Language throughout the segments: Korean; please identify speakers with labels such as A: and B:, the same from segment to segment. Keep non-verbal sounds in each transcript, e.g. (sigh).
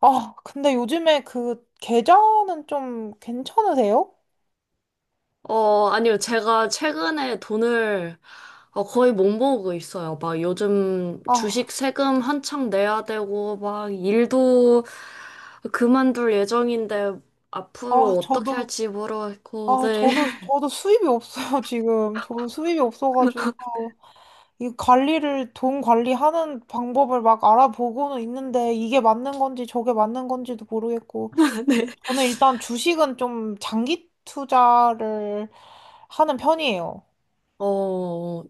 A: 아, 근데 요즘에 그 계좌는 좀 괜찮으세요?
B: 아니요. 제가 최근에 돈을 거의 못 모으고 있어요. 막 요즘 주식
A: 아,
B: 세금 한창 내야 되고, 막 일도 그만둘 예정인데,
A: 아,
B: 앞으로 어떻게
A: 저도,
B: 할지 모르겠고,
A: 아,
B: 네.
A: 저도 수입이 없어요, (laughs) 지금. 저도 수입이 없어가지고, 이 관리를, 돈 관리하는 방법을 막 알아보고는 있는데, 이게 맞는 건지 저게 맞는 건지도 모르겠고,
B: (laughs) 네.
A: 저는 일단 주식은 좀 장기 투자를 하는 편이에요.
B: 어,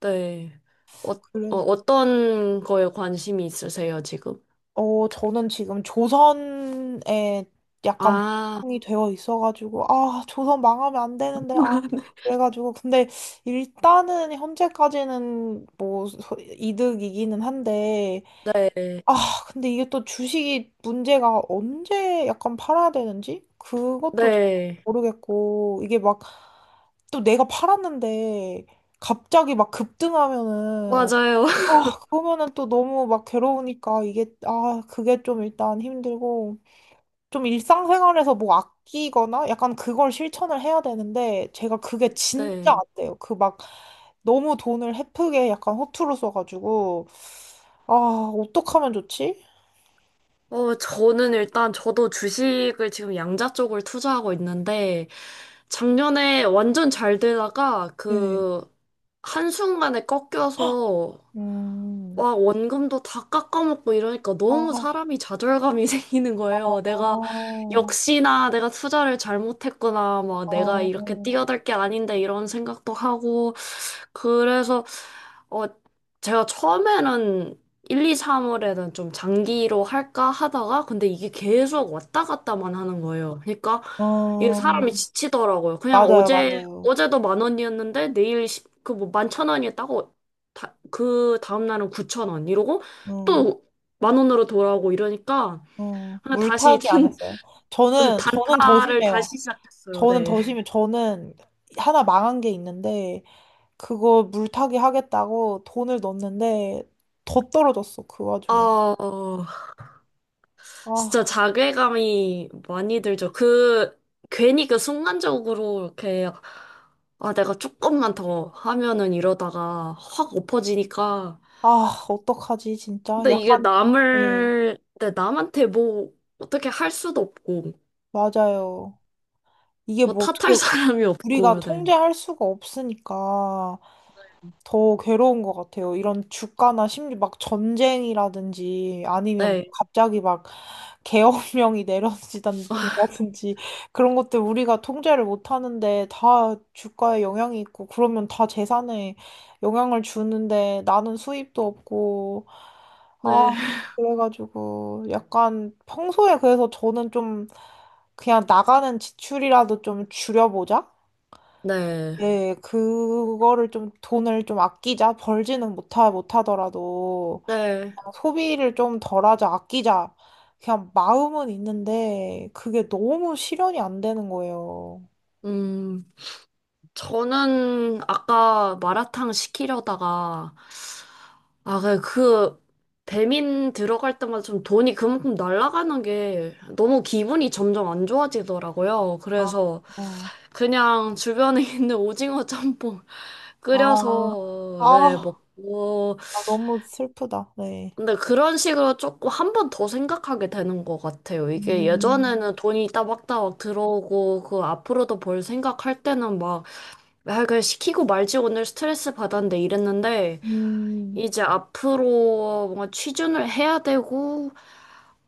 B: 네. 어, 어,
A: 그래서.
B: 어떤 거에 관심이 있으세요, 지금?
A: 어, 저는 지금 조선에 약간
B: 아,
A: 모형이 되어 있어가지고, 아, 조선 망하면 안 되는데, 아,
B: (laughs)
A: 그래가지고. 근데 일단은 현재까지는 뭐 소- 이득이기는 한데,
B: 네.
A: 아, 근데 이게 또 주식이 문제가 언제 약간 팔아야 되는지? 그것도 잘
B: 네.
A: 모르겠고, 이게 막 또 내가 팔았는데 갑자기 막 급등하면은
B: 맞아요.
A: 아,
B: (laughs)
A: 그러면은 또 너무 막 괴로우니까 이게, 아, 그게 좀 일단 힘들고, 좀 일상생활에서 뭐 아끼거나 약간 그걸 실천을 해야 되는데, 제가 그게 진짜 안
B: 네.
A: 돼요. 그 막 너무 돈을 헤프게 약간 허투루 써가지고, 아, 어떡하면 좋지?
B: 저는 일단 저도 주식을 지금 양자 쪽을 투자하고 있는데, 작년에 완전 잘 되다가
A: 예.
B: 그 한순간에 꺾여서
A: 음,
B: 와, 원금도 다 깎아먹고 이러니까 너무
A: 아,
B: 사람이 좌절감이 (laughs) 생기는 거예요. 내가
A: 아,
B: 역시나 내가 투자를 잘못했구나. 막 내가 이렇게
A: 아,
B: 뛰어들 게 아닌데 이런 생각도 하고 그래서 어 제가 처음에는 1, 2, 3월에는 좀 장기로 할까 하다가 근데 이게 계속 왔다 갔다만 하는 거예요. 그러니까 이게
A: 아,
B: 사람이 지치더라고요. 그냥
A: 맞아요,
B: 어제
A: 맞아요.
B: 어제도 만 원이었는데 내일 그뭐 만 천 원이었다고 그 다음 날은 9,000원 이러고
A: 음,
B: 또 만 원으로 돌아오고 이러니까 그냥 다시
A: 물타기 안
B: (laughs)
A: 했어요. 저는 더
B: 단타를
A: 심해요.
B: 다시 시작했어요.
A: 저는
B: 네.
A: 더 심해. 저는 하나 망한 게 있는데, 그거 물타기 하겠다고 돈을 넣었는데, 더 떨어졌어, 그 와중에.
B: 아, 어. 진짜
A: 아,
B: 자괴감이 많이 들죠. 그, 괜히 그 순간적으로 이렇게, 아, 내가 조금만 더 하면은 이러다가 확 엎어지니까.
A: 아, 어떡하지, 진짜.
B: 근데 이게
A: 약간, 네,
B: 남을, 네, 남한테 뭐, 어떻게 할 수도 없고,
A: 맞아요. 이게
B: 뭐
A: 뭐 어떻게
B: 탓할 (laughs) 사람이
A: 우리가
B: 없고, 네.
A: 통제할 수가 없으니까. 더 괴로운 것 같아요. 이런 주가나 심지어 막 전쟁이라든지 아니면 뭐
B: 네,
A: 갑자기 막 계엄령이 (laughs) 내려지다
B: (laughs)
A: 든지 (laughs) 그런 것들 우리가 통제를 못 하는데 다 주가에 영향이 있고 그러면 다 재산에 영향을 주는데 나는 수입도 없고
B: 네,
A: 아 그래가지고 약간 평소에 그래서 저는 좀 그냥 나가는 지출이라도 좀 줄여보자.
B: 네,
A: 네, 그거를 좀 돈을 좀 아끼자. 벌지는 못하더라도
B: 네.
A: 소비를 좀 덜하자, 아끼자. 그냥 마음은 있는데 그게 너무 실현이 안 되는 거예요.
B: 음, 저는 아까 마라탕 시키려다가, 아, 그 배민 들어갈 때마다 좀 돈이 그만큼 날아가는 게 너무 기분이 점점 안 좋아지더라고요.
A: 아,
B: 그래서
A: 어.
B: 그냥 주변에 (laughs) 있는 오징어 짬뽕
A: 아, 아,
B: 끓여서, 네, 먹고.
A: 아, 너무 슬프다. 네.
B: 근데 그런 식으로 조금 한 번 더 생각하게 되는 것 같아요. 이게
A: 음,
B: 예전에는 돈이 따박따박 들어오고, 그 앞으로도 벌 생각할 때는 막, 아, 그냥 시키고 말지 오늘 스트레스 받았는데 이랬는데,
A: 음,
B: 이제 앞으로 뭔가 취준을 해야 되고,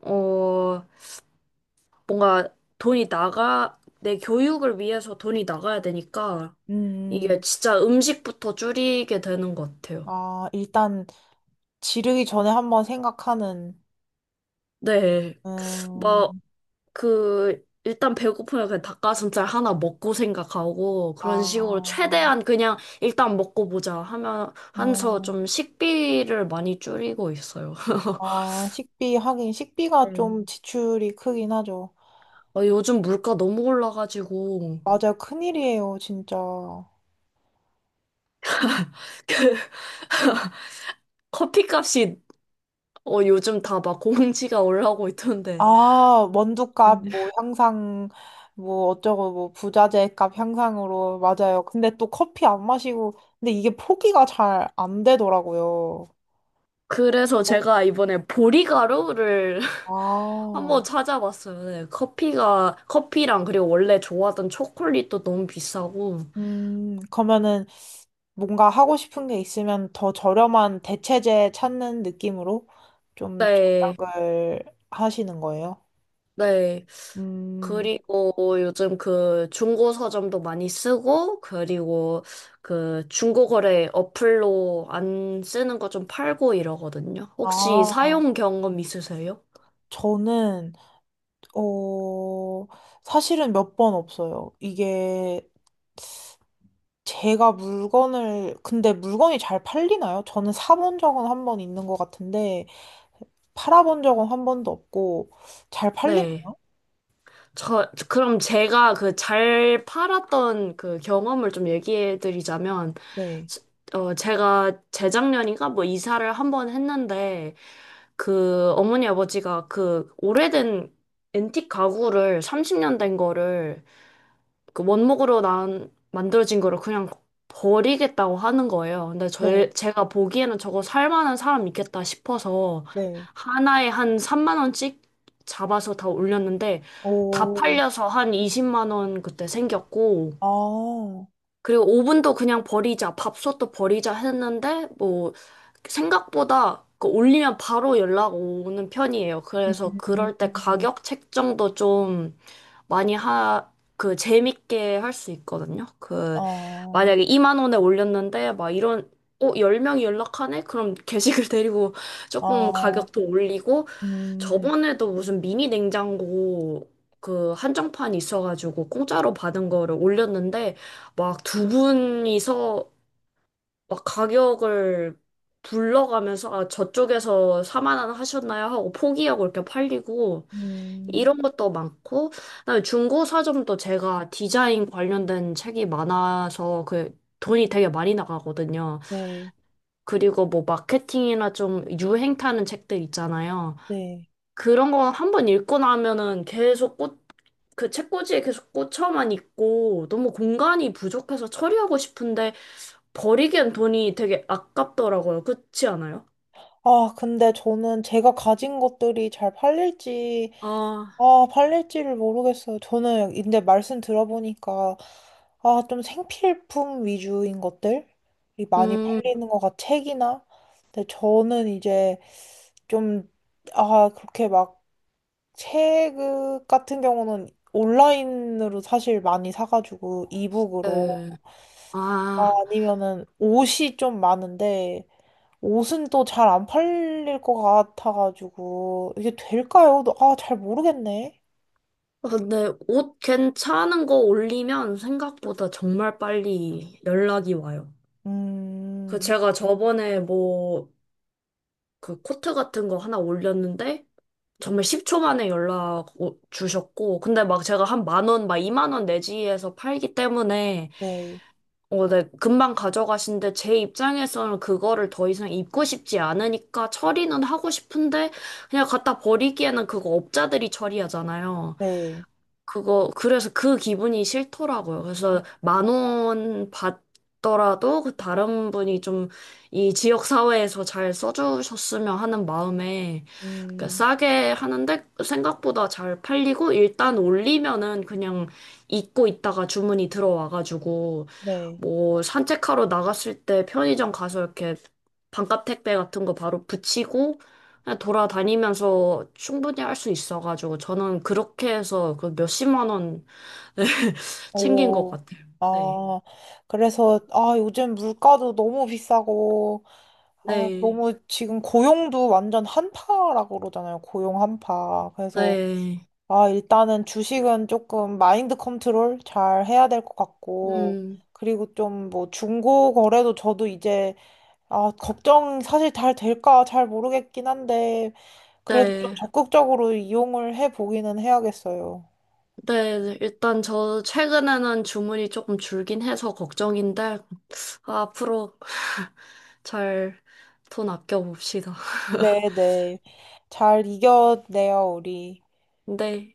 B: 어, 뭔가 내 교육을 위해서 돈이 나가야 되니까 이게
A: 음.
B: 진짜 음식부터 줄이게 되는 것 같아요.
A: 아, 일단 지르기 전에 한번 생각하는,
B: 네.
A: 음,
B: 막, 그, 일단 배고프면 그냥 닭가슴살 하나 먹고 생각하고 그런 식으로
A: 아,
B: 최대한 그냥 일단 먹고 보자 하면서 좀
A: 아.
B: 식비를 많이 줄이고 있어요. (laughs)
A: 아, 식비, 하긴, 식비가
B: 네.
A: 좀 지출이 크긴 하죠.
B: 요즘 물가 너무 올라가지고
A: 맞아요. 큰일이에요, 진짜.
B: (laughs) 커피값이 요즘 다 막 공지가 올라오고 있던데.
A: 아, 원두값, 뭐, 향상, 뭐, 어쩌고, 뭐, 부자재 값 향상으로, 맞아요. 근데 또 커피 안 마시고, 근데 이게 포기가 잘 안 되더라고요.
B: 그래서 제가 이번에 보리가루를 (laughs)
A: 아,
B: 한번 찾아봤어요. 네, 커피랑 그리고 원래 좋아하던 초콜릿도 너무 비싸고.
A: 그러면은 뭔가 하고 싶은 게 있으면 더 저렴한 대체재 찾는 느낌으로 좀
B: 네,
A: 절약을 하시는 거예요?
B: 네.
A: 음.
B: 그리고 요즘 그 중고 서점도 많이 쓰고, 그리고 그 중고 거래 어플로 안 쓰는 거 좀 팔고 이러거든요. 혹시
A: 아,
B: 사용 경험 있으세요?
A: 저는, 어, 사실은 몇 번 없어요. 이게 제가 물건을, 근데 물건이 잘 팔리나요? 저는 사본 적은 한 번 있는 것 같은데, 팔아본 적은 한 번도 없고, 잘 팔린,
B: 네. 저, 그럼 제가 그 잘 팔았던 그 경험을 좀 얘기해 드리자면,
A: 네,
B: 제가 재작년인가 뭐 이사를 한 번 했는데, 그 어머니 아버지가 그 오래된 앤틱 가구를 30년 된 거를 그 원목으로 난 만들어진 거를 그냥 버리겠다고 하는 거예요. 근데
A: 네,
B: 제가 보기에는 저거 살 만한 사람 있겠다 싶어서
A: 네.
B: 하나에 한 3만 원씩 잡아서 다 올렸는데 다
A: 오,
B: 팔려서 한 20만 원 그때 생겼고
A: 아,
B: 그리고 오븐도 그냥 버리자, 밥솥도 버리자 했는데, 뭐, 생각보다 그 올리면 바로 연락 오는 편이에요. 그래서
A: 음,
B: 그럴 때 가격 책정도 좀 많이 하, 그 재밌게 할 수 있거든요. 그,
A: 아,
B: 만약에 2만 원에 올렸는데, 막 이런, 10명이 연락하네? 그럼 게시글 (laughs) 데리고 조금
A: 아,
B: 가격도 올리고,
A: 음,
B: 저번에도 무슨 미니 냉장고 그 한정판 있어가지고 공짜로 받은 거를 올렸는데, 막 두 분이서 막 가격을 불러가면서 아, 저쪽에서 4만 원 하셨나요? 하고 포기하고 이렇게 팔리고
A: 음,
B: 이런 것도 많고 그다음에 중고 서점도 제가 디자인 관련된 책이 많아서 그 돈이 되게 많이 나가거든요.
A: 네,
B: 그리고 뭐 마케팅이나 좀 유행 타는 책들 있잖아요.
A: 네.
B: 그런 거 한 번 읽고 나면은 계속 그 책꽂이에 계속 꽂혀만 있고 너무 공간이 부족해서 처리하고 싶은데 버리기엔 돈이 되게 아깝더라고요. 그렇지 않아요?
A: 아, 근데 저는 제가 가진 것들이 잘 팔릴지,
B: 아,
A: 아, 팔릴지를 모르겠어요. 저는 근데 말씀 들어보니까 아, 좀 생필품 위주인 것들이 많이
B: 음,
A: 팔리는 것 같아. 책이나. 근데 저는 이제 좀 아, 그렇게 막 책 같은 경우는 온라인으로 사실 많이 사가지고 이북으로
B: 네.
A: 아,
B: 아,
A: 아니면은 옷이 좀 많은데 옷은 또 잘 안 팔릴 것 같아가지고 이게 될까요? 아, 잘 모르겠네.
B: 근데 옷 괜찮은 거 올리면 생각보다 정말 빨리 연락이 와요. 그
A: 음.
B: 제가 저번에 뭐 그 코트 같은 거 하나 올렸는데 정말 10초 만에 연락 주셨고, 근데 막 제가 한 만 원, 막 2만 원 내지에서 팔기 때문에,
A: 네,
B: 네, 금방 가져가신데, 제 입장에서는 그거를 더 이상 입고 싶지 않으니까 처리는 하고 싶은데, 그냥 갖다 버리기에는 그거 업자들이 처리하잖아요.
A: 네,
B: 그래서 그 기분이 싫더라고요.
A: 음,
B: 그래서 만원 받더라도 그 다른 분이 좀 이 지역 사회에서 잘 써주셨으면 하는 마음에 그러니까
A: 음.
B: 싸게 하는데 생각보다 잘 팔리고 일단 올리면은 그냥 잊고 있다가 주문이 들어와가지고
A: 네. 음.
B: 뭐 산책하러 나갔을 때 편의점 가서 이렇게 반값 택배 같은 거 바로 붙이고 돌아다니면서 충분히 할 수 있어가지고 저는 그렇게 해서 그 몇십만 원 (laughs) 챙긴 것
A: 오,
B: 같아요. 네.
A: 아, 그래서, 아, 요즘 물가도 너무 비싸고, 아,
B: 네.
A: 너무 지금 고용도 완전 한파라고 그러잖아요. 고용 한파. 그래서,
B: 네.
A: 아, 일단은 주식은 조금 마인드 컨트롤 잘 해야 될 것 같고,
B: 음.
A: 그리고 좀 뭐 중고 거래도 저도 이제, 아, 걱정 사실 잘 될까 잘 모르겠긴 한데, 그래도 좀
B: 네.
A: 적극적으로 이용을 해 보기는 해야겠어요.
B: 네. 일단 저 최근에는 주문이 조금 줄긴 해서 걱정인데 앞으로 잘 돈 아껴봅시다.
A: 네,
B: (laughs)
A: 네. 잘 이겨내요, 우리.
B: 네.